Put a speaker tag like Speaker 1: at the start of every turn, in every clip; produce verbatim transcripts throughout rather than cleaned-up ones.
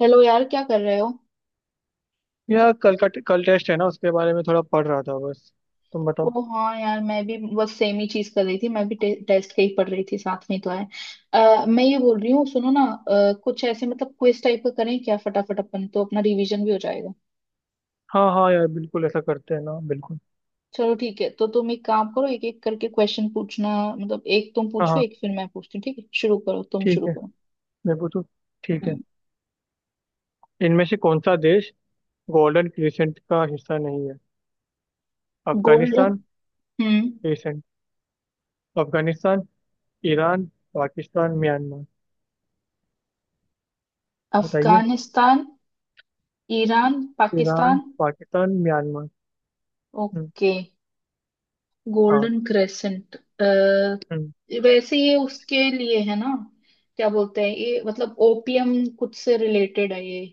Speaker 1: Hello यार, क्या कर रहे हो।
Speaker 2: यार कल का कल टेस्ट है ना, उसके बारे में थोड़ा पढ़ रहा था बस। तुम बताओ।
Speaker 1: ओ हाँ यार, मैं भी बस सेम ही चीज कर रही थी, मैं भी टे, टेस्ट के ही पढ़ रही थी, साथ में ही तो है। अ, मैं ये बोल रही हूँ, सुनो ना, अ, कुछ ऐसे मतलब क्विज टाइप का करें क्या, फटाफट अपन तो अपना रिवीजन भी हो जाएगा।
Speaker 2: हाँ हाँ यार, बिल्कुल ऐसा करते हैं ना, बिल्कुल।
Speaker 1: चलो ठीक है, तो तुम एक काम करो, एक एक करके क्वेश्चन पूछना, मतलब एक तुम
Speaker 2: हाँ
Speaker 1: पूछो
Speaker 2: हाँ।
Speaker 1: एक फिर मैं पूछती हूँ, ठीक है, शुरू करो, तुम
Speaker 2: ठीक
Speaker 1: शुरू
Speaker 2: है,
Speaker 1: करो।
Speaker 2: मैं पूछूं। ठीक है। इनमें से कौन सा देश गोल्डन क्रिसेंट का हिस्सा नहीं है?
Speaker 1: गोल्ड हम्म Gold-
Speaker 2: अफगानिस्तान,
Speaker 1: हम्म,
Speaker 2: crescent, Afghanistan, Iran, Pakistan, Myanmar. बताइए।
Speaker 1: Afghanistan Iran
Speaker 2: Iran,
Speaker 1: Pakistan.
Speaker 2: Pakistan, Myanmar. हम्म।
Speaker 1: ओके।
Speaker 2: हाँ।
Speaker 1: Golden crescent.
Speaker 2: हम्म।
Speaker 1: वैसे ये उसके लिए है ना, क्या बोलते हैं ये, मतलब ओपियम कुछ से रिलेटेड है ये,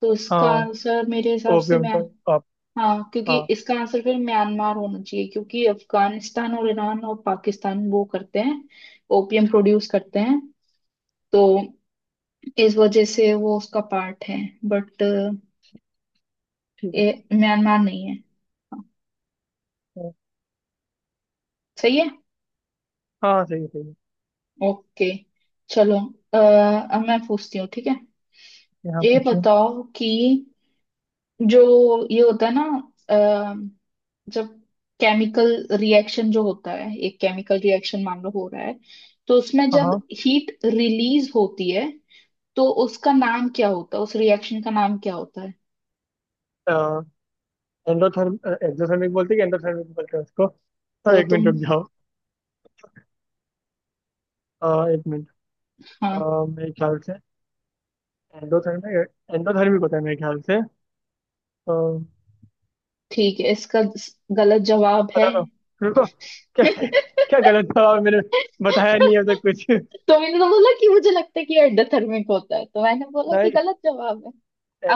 Speaker 1: तो इसका
Speaker 2: हाँ,
Speaker 1: आंसर मेरे हिसाब से
Speaker 2: ओपियम
Speaker 1: मैं...
Speaker 2: का। आप।
Speaker 1: हाँ, क्योंकि
Speaker 2: हाँ।
Speaker 1: इसका आंसर फिर म्यांमार होना चाहिए, क्योंकि अफगानिस्तान और ईरान और पाकिस्तान वो करते हैं, ओपियम प्रोड्यूस करते हैं, तो इस वजह से वो उसका पार्ट है, बट
Speaker 2: ठीक
Speaker 1: ये
Speaker 2: है।
Speaker 1: म्यांमार नहीं है। हाँ,
Speaker 2: हाँ
Speaker 1: सही है।
Speaker 2: हाँ, सही है, सही है।
Speaker 1: ओके चलो, अ, अब मैं पूछती हूँ, ठीक है।
Speaker 2: यहाँ
Speaker 1: ये
Speaker 2: पूछिए।
Speaker 1: बताओ कि जो ये होता है ना, अ, जब केमिकल रिएक्शन जो होता है, एक केमिकल रिएक्शन मान लो हो रहा है, तो उसमें जब
Speaker 2: हाँ
Speaker 1: हीट रिलीज होती है, तो उसका नाम क्या होता है, उस रिएक्शन का नाम क्या होता है।
Speaker 2: हाँ। एंडोथर्म, एक्सोथर्मिक बोलते हैं कि एंडोथर्मिक बोलते हैं उसको? हाँ,
Speaker 1: वो
Speaker 2: एक मिनट
Speaker 1: तुम...
Speaker 2: रुक जाओ। अ, एक मिनट।
Speaker 1: हाँ,
Speaker 2: अ, मेरे ख्याल से एंडोथर्मिक, एंडोथर्मिक होता है मेरे ख्याल से, तो
Speaker 1: ठीक है इसका गलत जवाब
Speaker 2: बता
Speaker 1: है
Speaker 2: दो। रुको। क्या? क्या गलत था मैंने? बताया नहीं है अब तक कुछ।
Speaker 1: तो मैंने तो बोला कि मुझे लगता है कि एंडोथर्मिक होता है, तो मैंने बोला कि
Speaker 2: नहीं,
Speaker 1: गलत जवाब है,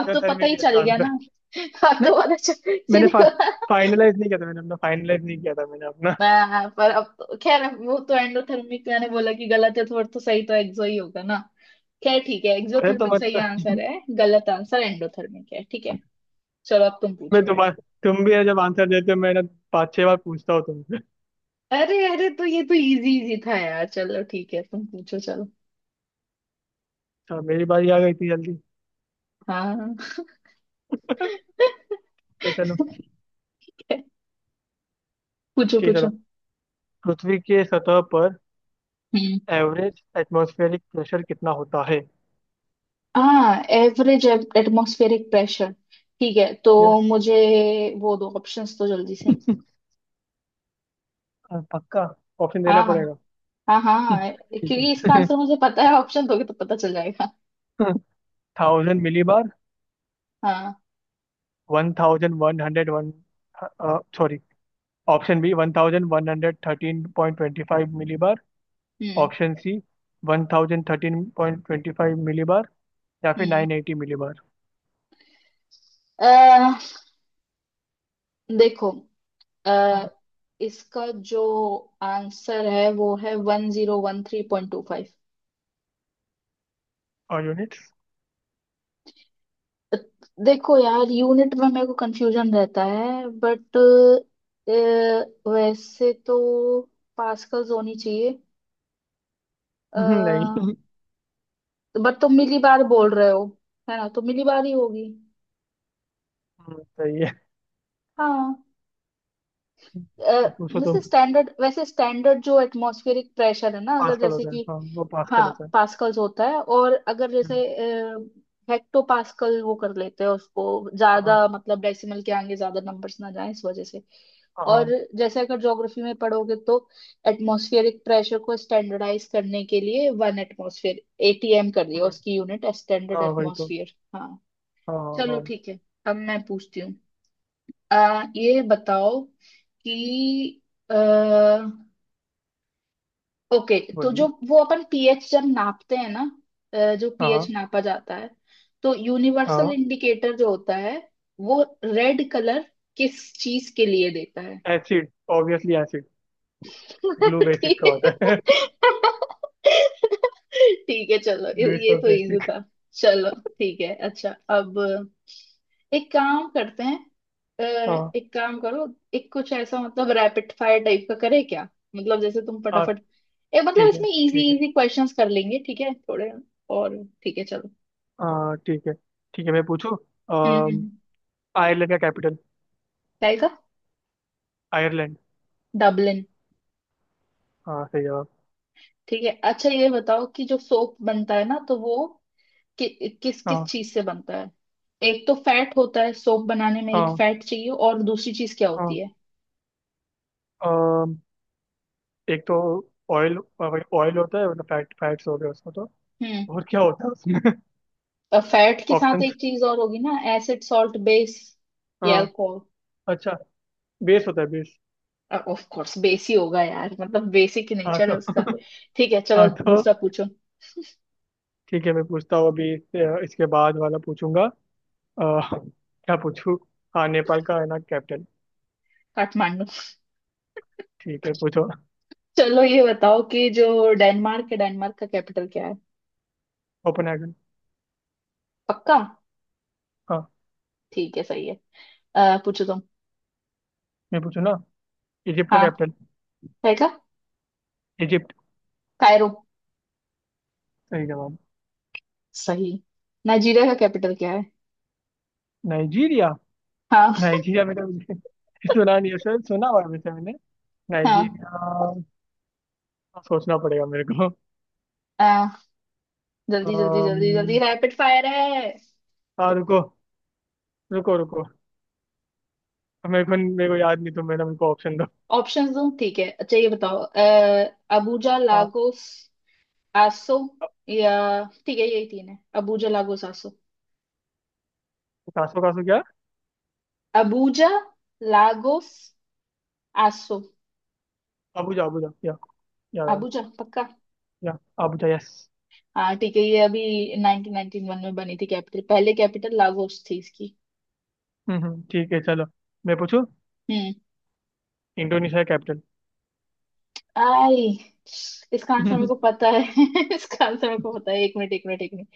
Speaker 1: अब तो पता ही
Speaker 2: है
Speaker 1: चल
Speaker 2: इसका
Speaker 1: गया
Speaker 2: आंसर।
Speaker 1: ना अब
Speaker 2: नहीं,
Speaker 1: तो पता चल,
Speaker 2: मैंने
Speaker 1: सीधी
Speaker 2: फा,
Speaker 1: बात।
Speaker 2: फाइनलाइज नहीं किया था मैंने अपना, फाइनलाइज नहीं किया था मैंने अपना।
Speaker 1: मैं पर अब तो खैर वो तो एंडोथर्मिक मैंने बोला कि गलत है, तो और तो सही तो एक्सो ही होगा ना। खैर ठीक है,
Speaker 2: अरे, तो
Speaker 1: एक्सोथर्मिक सही आंसर
Speaker 2: मतलब
Speaker 1: है, गलत आंसर एंडोथर्मिक है, ठीक है। चलो अब तुम
Speaker 2: मैं
Speaker 1: पूछो मेरे
Speaker 2: तुम्हारा।
Speaker 1: से।
Speaker 2: तुम भी है जब आंसर देते हो मैं ना पाँच छह बार पूछता हूँ तुमसे।
Speaker 1: अरे अरे, तो ये तो इजी इजी था यार, चलो ठीक है तुम पूछो चलो।
Speaker 2: तो मेरी बारी आ गई इतनी जल्दी?
Speaker 1: हाँ
Speaker 2: ये चलो,
Speaker 1: पूछो
Speaker 2: ठीक है, चलो।
Speaker 1: पूछो।
Speaker 2: पृथ्वी के सतह पर
Speaker 1: हम्म,
Speaker 2: एवरेज एटमॉस्फेरिक प्रेशर कितना होता है?
Speaker 1: हाँ एवरेज एटमॉस्फेरिक प्रेशर। ठीक है तो
Speaker 2: यस।
Speaker 1: मुझे वो दो ऑप्शंस तो जल्दी से।
Speaker 2: पक्का। ऑप्शन देना
Speaker 1: हाँ
Speaker 2: पड़ेगा।
Speaker 1: हाँ। हाँ
Speaker 2: हम्म,
Speaker 1: हाँ,
Speaker 2: ठीक
Speaker 1: क्योंकि इसका
Speaker 2: है।
Speaker 1: आंसर मुझे पता है, ऑप्शन दोगे तो पता चल जाएगा।
Speaker 2: Thousand millibar.
Speaker 1: हाँ।
Speaker 2: One thousand one hundred one, sorry, option B, one thousand one hundred thirteen point twenty five millibar.
Speaker 1: Hmm
Speaker 2: option C, one thousand thirteen point twenty five millibar. या फिर
Speaker 1: हम्म
Speaker 2: नाइन एटी मिलीबार।
Speaker 1: अह, देखो, अह, इसका जो answer है वो है one zero one three point two five.
Speaker 2: और यूनिट्स?
Speaker 1: देखो यार यूनिट में मेरे को कंफ्यूजन रहता है, बट वैसे तो पास्कल्स होनी चाहिए। अह,
Speaker 2: नहीं।
Speaker 1: बट तुम मिली बार बोल रहे हो है ना, तो मिली बार ही होगी।
Speaker 2: हम्म, सही है।
Speaker 1: हाँ अ,
Speaker 2: अब पूछो तो।
Speaker 1: वैसे स्टैंडर्ड वैसे स्टैंडर्ड जो एटमॉस्फेरिक प्रेशर है ना, अगर
Speaker 2: पास्कल
Speaker 1: जैसे
Speaker 2: होता है,
Speaker 1: कि...
Speaker 2: हाँ वो
Speaker 1: हाँ
Speaker 2: पास्कल होता है।
Speaker 1: पास्कल्स होता है, और अगर
Speaker 2: हम्म।
Speaker 1: जैसे हेक्टो पास्कल वो कर लेते हैं उसको, ज्यादा
Speaker 2: हाँ
Speaker 1: मतलब डेसिमल के आगे ज्यादा नंबर्स ना जाए इस वजह से। और
Speaker 2: हाँ।
Speaker 1: जैसे अगर ज्योग्राफी में पढ़ोगे, तो एटमॉस्फेरिक प्रेशर को स्टैंडर्डाइज करने के लिए वन एटमॉस्फेयर एटीएम कर दिया,
Speaker 2: हाँ,
Speaker 1: उसकी यूनिट स्टैंडर्ड
Speaker 2: हाँ वही तो।
Speaker 1: एटमॉस्फेयर, हाँ।
Speaker 2: हाँ
Speaker 1: चलो
Speaker 2: हाँ।
Speaker 1: ठीक है, अब मैं पूछती हूँ। आ, ये बताओ कि आ, ओके, तो जो
Speaker 2: बोलिए।
Speaker 1: वो अपन पीएच जब नापते हैं ना, अ, जो पीएच
Speaker 2: हाँ
Speaker 1: नापा जाता है, तो यूनिवर्सल
Speaker 2: हाँ।
Speaker 1: इंडिकेटर जो होता है, वो रेड कलर किस चीज के लिए देता है।
Speaker 2: Acid, obviously acid. Blue basic
Speaker 1: ठीक
Speaker 2: का होता है।
Speaker 1: है। ठीक है चलो, ये
Speaker 2: ब्लू इज
Speaker 1: ये
Speaker 2: फॉर
Speaker 1: तो इजी
Speaker 2: बेसिक।
Speaker 1: था, चलो ठीक है अच्छा। अब एक काम करते हैं, अ,
Speaker 2: हाँ।
Speaker 1: एक काम करो, एक कुछ ऐसा मतलब रैपिड फायर टाइप का करे क्या, मतलब जैसे तुम
Speaker 2: हाँ।
Speaker 1: फटाफट, ए मतलब
Speaker 2: ठीक है
Speaker 1: इसमें
Speaker 2: ठीक
Speaker 1: इजी
Speaker 2: है।
Speaker 1: इजी क्वेश्चंस कर लेंगे, ठीक है थोड़े। और ठीक है चलो।
Speaker 2: हाँ ठीक है। ठीक है, मैं पूछूँ।
Speaker 1: हम्म हम्म हम्म।
Speaker 2: आयरलैंड का कैपिटल?
Speaker 1: क्या आएगा?
Speaker 2: आयरलैंड।
Speaker 1: डबलिन।
Speaker 2: हाँ, सही जवाब।
Speaker 1: ठीक है, अच्छा ये बताओ कि जो सोप बनता है ना, तो वो कि, किस किस
Speaker 2: हाँ।
Speaker 1: चीज से बनता है। एक तो फैट होता है, सोप बनाने में एक
Speaker 2: हाँ।
Speaker 1: फैट चाहिए, और दूसरी चीज क्या
Speaker 2: हाँ।
Speaker 1: होती है।
Speaker 2: अम, एक तो ऑयल, ऑयल होता है, मतलब फैट, फैट्स हो गए उसमें तो।
Speaker 1: हम्म,
Speaker 2: और क्या होता है उसमें?
Speaker 1: और फैट के साथ एक
Speaker 2: ऑप्शंस।
Speaker 1: चीज और होगी ना, एसिड सॉल्ट बेस
Speaker 2: हाँ।
Speaker 1: एल्कोहल।
Speaker 2: अच्छा, बेस होता है, बेस।
Speaker 1: ऑफ कोर्स बेस ही होगा यार, मतलब बेसिक
Speaker 2: हाँ
Speaker 1: नेचर है
Speaker 2: तो।
Speaker 1: उसका। ठीक है चलो
Speaker 2: हाँ तो
Speaker 1: दूसरा पूछो।
Speaker 2: ठीक है, मैं पूछता हूँ, अभी इससे इसके बाद वाला पूछूंगा। अह, क्या पूछूँ? हाँ, नेपाल का है ना कैपिटल?
Speaker 1: काठमांडू।
Speaker 2: ठीक है, पूछो।
Speaker 1: चलो ये बताओ कि जो डेनमार्क है, डेनमार्क का कैपिटल क्या है।
Speaker 2: कोपेनहेगन।
Speaker 1: पक्का?
Speaker 2: हाँ।
Speaker 1: ठीक है सही है। अ, पूछो तुम।
Speaker 2: मैं पूछूँ ना। इजिप्ट का
Speaker 1: हाँ,
Speaker 2: कैपिटल?
Speaker 1: है क्या।
Speaker 2: इजिप्ट।
Speaker 1: कायरो।
Speaker 2: सही जवाब।
Speaker 1: सही। नाइजीरिया का कैपिटल क्या है।
Speaker 2: नाइजीरिया।
Speaker 1: हाँ।
Speaker 2: नाइजीरिया में तो मुझे सुना नहीं है, सर सुना हुआ है वैसे मैंने। नाइजीरिया, सोचना पड़ेगा मेरे को।
Speaker 1: हाँ जल्दी जल्दी जल्दी जल्दी
Speaker 2: अम्म,
Speaker 1: रैपिड फायर है।
Speaker 2: हाँ रुको, रुको रुको। मेरे को मेरे को याद नहीं, तो मेरा मेरे को ऑप्शन दो।
Speaker 1: ऑप्शंस दूं, ठीक है। अच्छा ये बताओ अ, अबूजा
Speaker 2: हाँ।
Speaker 1: लागोस आसो, या... ठीक है यही तीन है, अबूजा लागोस आसो।
Speaker 2: कासो, कासो क्या?
Speaker 1: अबूजा लागोस आसो।
Speaker 2: Abuja, Abuja? या या
Speaker 1: अबूजा पक्का।
Speaker 2: या अबुजा, यस।
Speaker 1: हाँ ठीक है, ये अभी नाइनटीन नाइनटी वन में बनी थी कैपिटल, पहले कैपिटल लागोस थी इसकी।
Speaker 2: हम्म हम्म, ठीक है, चलो, मैं पूछूं।
Speaker 1: हम्म।
Speaker 2: Indonesia capital?
Speaker 1: आई, इसका आंसर मेरे को पता है इसका आंसर मेरे को पता है, एक मिनट एक मिनट एक मिनट,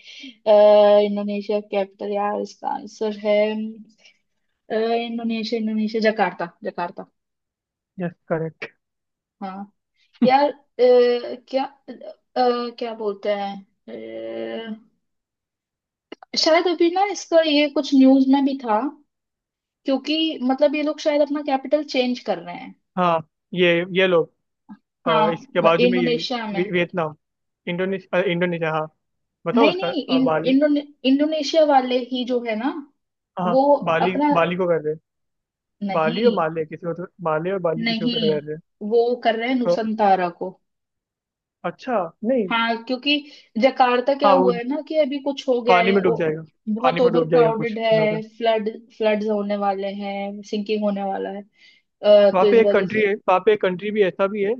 Speaker 1: अ, इंडोनेशिया कैपिटल यार, इसका आंसर है अ, Indonesia, Indonesia Jakarta, Jakarta.
Speaker 2: Yes, correct.
Speaker 1: हाँ यार, अ, क्या अ, क्या बोलते हैं, अ, शायद अभी ना इसका ये कुछ न्यूज में भी था, क्योंकि मतलब ये लोग शायद अपना कैपिटल चेंज कर रहे हैं।
Speaker 2: हाँ, ये ये लोग,
Speaker 1: हाँ,
Speaker 2: अ, इसके
Speaker 1: म-
Speaker 2: बाजू में ये,
Speaker 1: इंडोनेशिया में।
Speaker 2: वी- वियतनाम, इंडोनेशिया, इंडोनेशिया, हाँ। बताओ
Speaker 1: नहीं
Speaker 2: उसका,
Speaker 1: नहीं,
Speaker 2: अ,
Speaker 1: इन,
Speaker 2: बाली।
Speaker 1: इंडोने, इंडोनेशिया वाले ही जो है ना,
Speaker 2: हाँ,
Speaker 1: वो
Speaker 2: बाली,
Speaker 1: अपना...
Speaker 2: बाली को कर रहे हैं? बाली और
Speaker 1: नहीं,
Speaker 2: माले, किसी को तो माले और बाली किसी को कर रहे
Speaker 1: नहीं
Speaker 2: हैं?
Speaker 1: वो कर रहे हैं
Speaker 2: तो
Speaker 1: नुसंतारा को।
Speaker 2: अच्छा, नहीं।
Speaker 1: हाँ क्योंकि जकार्ता, क्या
Speaker 2: हाँ वो
Speaker 1: हुआ है ना कि अभी कुछ हो गया
Speaker 2: पानी
Speaker 1: है,
Speaker 2: में डूब
Speaker 1: ओ,
Speaker 2: जाएगा,
Speaker 1: बहुत
Speaker 2: पानी में
Speaker 1: ओवर
Speaker 2: डूब जाएगा
Speaker 1: क्राउडेड
Speaker 2: कुछ दिनों
Speaker 1: है,
Speaker 2: तक।
Speaker 1: फ्लड फ्लड्स होने वाले हैं, सिंकिंग होने वाला है, अ,
Speaker 2: वहाँ
Speaker 1: तो इस
Speaker 2: पे एक
Speaker 1: वजह
Speaker 2: कंट्री
Speaker 1: से...
Speaker 2: है, वहाँ पे एक कंट्री भी ऐसा भी है।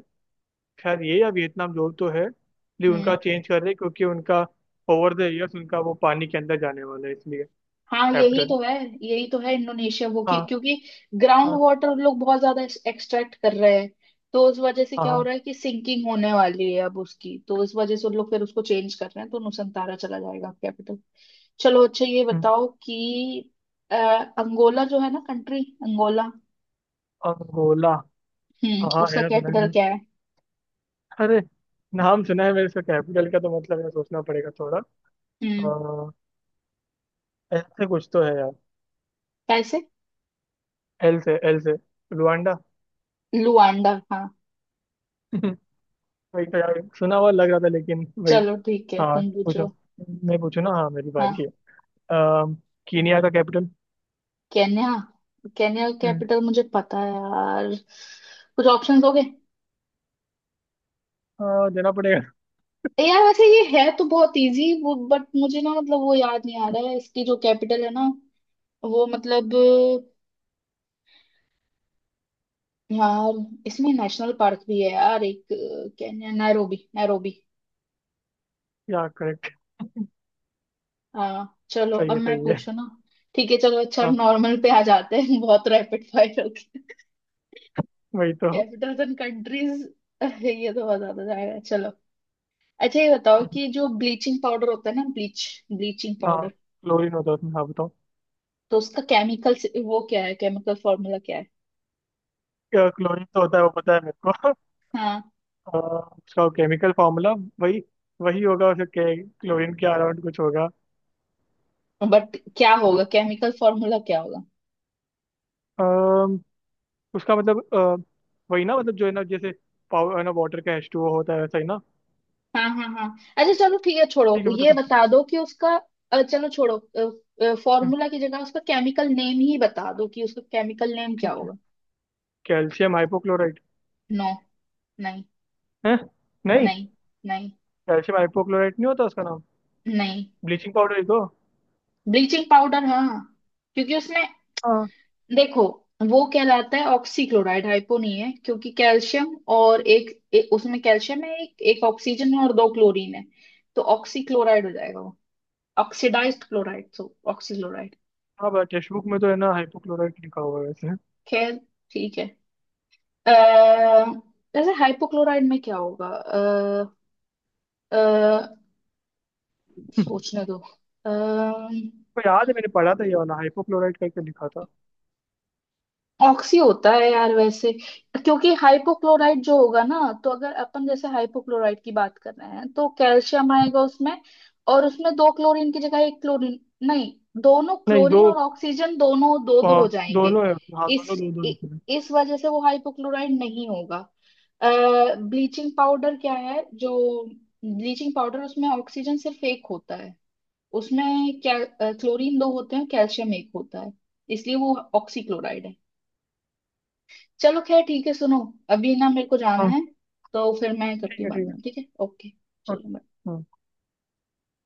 Speaker 2: खैर ये या वियतनाम जो तो है, लेकिन उनका
Speaker 1: हम्म,
Speaker 2: चेंज कर रहे हैं, क्योंकि उनका ओवर द ईयर्स उनका वो पानी के अंदर जाने वाला है, इसलिए।
Speaker 1: हाँ यही
Speaker 2: कैप्टन।
Speaker 1: तो है, यही तो है इंडोनेशिया वो कि,
Speaker 2: हाँ
Speaker 1: क्योंकि ग्राउंड
Speaker 2: हाँ
Speaker 1: वाटर लोग बहुत ज्यादा एक्सट्रैक्ट कर रहे हैं, तो उस वजह से
Speaker 2: हाँ,
Speaker 1: क्या हो
Speaker 2: हाँ।
Speaker 1: रहा है कि सिंकिंग होने वाली है अब उसकी, तो इस वजह से उन लोग फिर उसको चेंज कर रहे हैं, तो नुसंतारा चला जाएगा कैपिटल। चलो अच्छा ये
Speaker 2: हम्म।
Speaker 1: बताओ कि अ, अंगोला जो है ना कंट्री, अंगोला
Speaker 2: अंगोला। हाँ
Speaker 1: हम्म,
Speaker 2: हाँ, है
Speaker 1: उसका
Speaker 2: ना, सुना है
Speaker 1: कैपिटल
Speaker 2: मैंने।
Speaker 1: क्या है।
Speaker 2: अरे, नाम सुना है मेरे, इसका कैपिटल का तो मतलब है, सोचना पड़ेगा थोड़ा।
Speaker 1: हम्म,
Speaker 2: आ, एल से कुछ तो है यार।
Speaker 1: कैसे...
Speaker 2: एल से, एल से। रुआंडा।
Speaker 1: लुआंडा, हाँ।
Speaker 2: वही तो यार, सुना हुआ लग रहा था, लेकिन वही।
Speaker 1: चलो ठीक है,
Speaker 2: हाँ
Speaker 1: तुम
Speaker 2: पूछो।
Speaker 1: पूछो।
Speaker 2: मैं पूछू ना, हाँ मेरी बारी है।
Speaker 1: हाँ।
Speaker 2: अम, कीनिया का कैपिटल?
Speaker 1: केन्या। केन्या
Speaker 2: हम्म।
Speaker 1: कैपिटल मुझे पता है यार, कुछ ऑप्शंस हो गए।
Speaker 2: हाँ, देना पड़ेगा।
Speaker 1: यार वैसे ये है तो बहुत इजी वो, बट मुझे ना मतलब वो याद नहीं आ रहा है इसकी जो कैपिटल है ना, वो मतलब... यार इसमें नेशनल पार्क भी है यार एक, केन्या नैरोबी, नैरोबी।
Speaker 2: क्या? करेक्ट।
Speaker 1: हाँ चलो
Speaker 2: सही
Speaker 1: अब
Speaker 2: है,
Speaker 1: मैं
Speaker 2: सही
Speaker 1: पूछू
Speaker 2: है।
Speaker 1: ना। ठीक है चलो, अच्छा हम
Speaker 2: हाँ
Speaker 1: नॉर्मल पे आ जाते हैं बहुत रैपिड फायर हो गया,
Speaker 2: वही तो।
Speaker 1: कैपिटल्स एंड कंट्रीज ये तो बहुत ज्यादा जाएगा, चलो। अच्छा ये बताओ
Speaker 2: हम्म।
Speaker 1: कि जो ब्लीचिंग पाउडर होता है ना, ब्लीच ब्लीचिंग
Speaker 2: हाँ,
Speaker 1: पाउडर,
Speaker 2: क्लोरीन होता है उसमें, हाँ बताओ।
Speaker 1: तो उसका केमिकल वो क्या है, केमिकल फॉर्मूला क्या है।
Speaker 2: क्या, क्लोरीन तो होता है वो पता है मेरे को।
Speaker 1: हाँ
Speaker 2: अ, उसका केमिकल फॉर्मूला वही, वही होगा उसका, के, क्लोरीन के अराउंड कुछ होगा।
Speaker 1: बट क्या होगा,
Speaker 2: जो-
Speaker 1: केमिकल फॉर्मूला क्या होगा।
Speaker 2: अम्म, उसका मतलब, अ, वही ना, मतलब जो है ना, जैसे पावर है ना वाटर का एच टू ओ होता है, वैसा ही ना।
Speaker 1: हाँ हाँ हाँ। अच्छा चलो ठीक है छोड़ो,
Speaker 2: ठीक है, बता
Speaker 1: ये
Speaker 2: दो।
Speaker 1: बता दो कि उसका अ, चलो छोड़ो,
Speaker 2: हम्म,
Speaker 1: फॉर्मूला की जगह उसका केमिकल नेम ही बता दो, कि उसका केमिकल नेम क्या
Speaker 2: ठीक है।
Speaker 1: होगा।
Speaker 2: Calcium hypochlorite.
Speaker 1: नो। नहीं।
Speaker 2: है। नहीं,
Speaker 1: नहीं। नहीं।
Speaker 2: कैल्शियम हाइपोक्लोराइट नहीं होता उसका नाम?
Speaker 1: नहीं।
Speaker 2: ब्लीचिंग पाउडर ही तो।
Speaker 1: ब्लीचिंग पाउडर, हाँ हाँ। क्योंकि उसमें
Speaker 2: हाँ
Speaker 1: देखो, वो कहलाता है ऑक्सीक्लोराइड, हाइपो नहीं है, क्योंकि कैल्शियम और एक, एक उसमें कैल्शियम है, एक एक ऑक्सीजन है, और दो क्लोरीन है, तो ऑक्सीक्लोराइड हो जाएगा वो, ऑक्सीडाइज्ड क्लोराइड, सो ऑक्सीक्लोराइड।
Speaker 2: हाँ, टेक्स्ट बुक में तो है ना, हाइपोक्लोराइट लिखा हुआ है वैसे।
Speaker 1: खैर ठीक है। अः जैसे हाइपोक्लोराइड में क्या होगा, अः सोचने दो। अः
Speaker 2: को याद है, मैंने पढ़ा था ये वाला हाइपोक्लोराइड करके लिखा था।
Speaker 1: ऑक्सी होता है यार वैसे, क्योंकि हाइपोक्लोराइट जो होगा ना, तो अगर अपन जैसे हाइपोक्लोराइट की बात कर रहे हैं, तो कैल्शियम आएगा उसमें, और उसमें दो क्लोरीन की जगह एक क्लोरीन... नहीं, दोनों
Speaker 2: नहीं दो,
Speaker 1: क्लोरीन और ऑक्सीजन दोनों दो दो हो
Speaker 2: आ,
Speaker 1: जाएंगे।
Speaker 2: दोनों है, हाँ
Speaker 1: इस
Speaker 2: दोनों दो दो
Speaker 1: इ,
Speaker 2: है।
Speaker 1: इस वजह से वो हाइपोक्लोराइट नहीं होगा। ब्लीचिंग पाउडर क्या है जो, ब्लीचिंग पाउडर उसमें ऑक्सीजन सिर्फ एक होता है, उसमें क्या, क्लोरीन दो होते हैं, कैल्शियम एक होता है, इसलिए वो ऑक्सीक्लोराइड है। चलो खैर ठीक है सुनो, अभी ना मेरे को जाना
Speaker 2: हाँ,
Speaker 1: है, तो फिर मैं करती
Speaker 2: ठीक
Speaker 1: हूँ
Speaker 2: है,
Speaker 1: बाद
Speaker 2: ठीक है,
Speaker 1: में, ठीक है ओके। चलो
Speaker 2: ओके।
Speaker 1: bye।
Speaker 2: हाँ।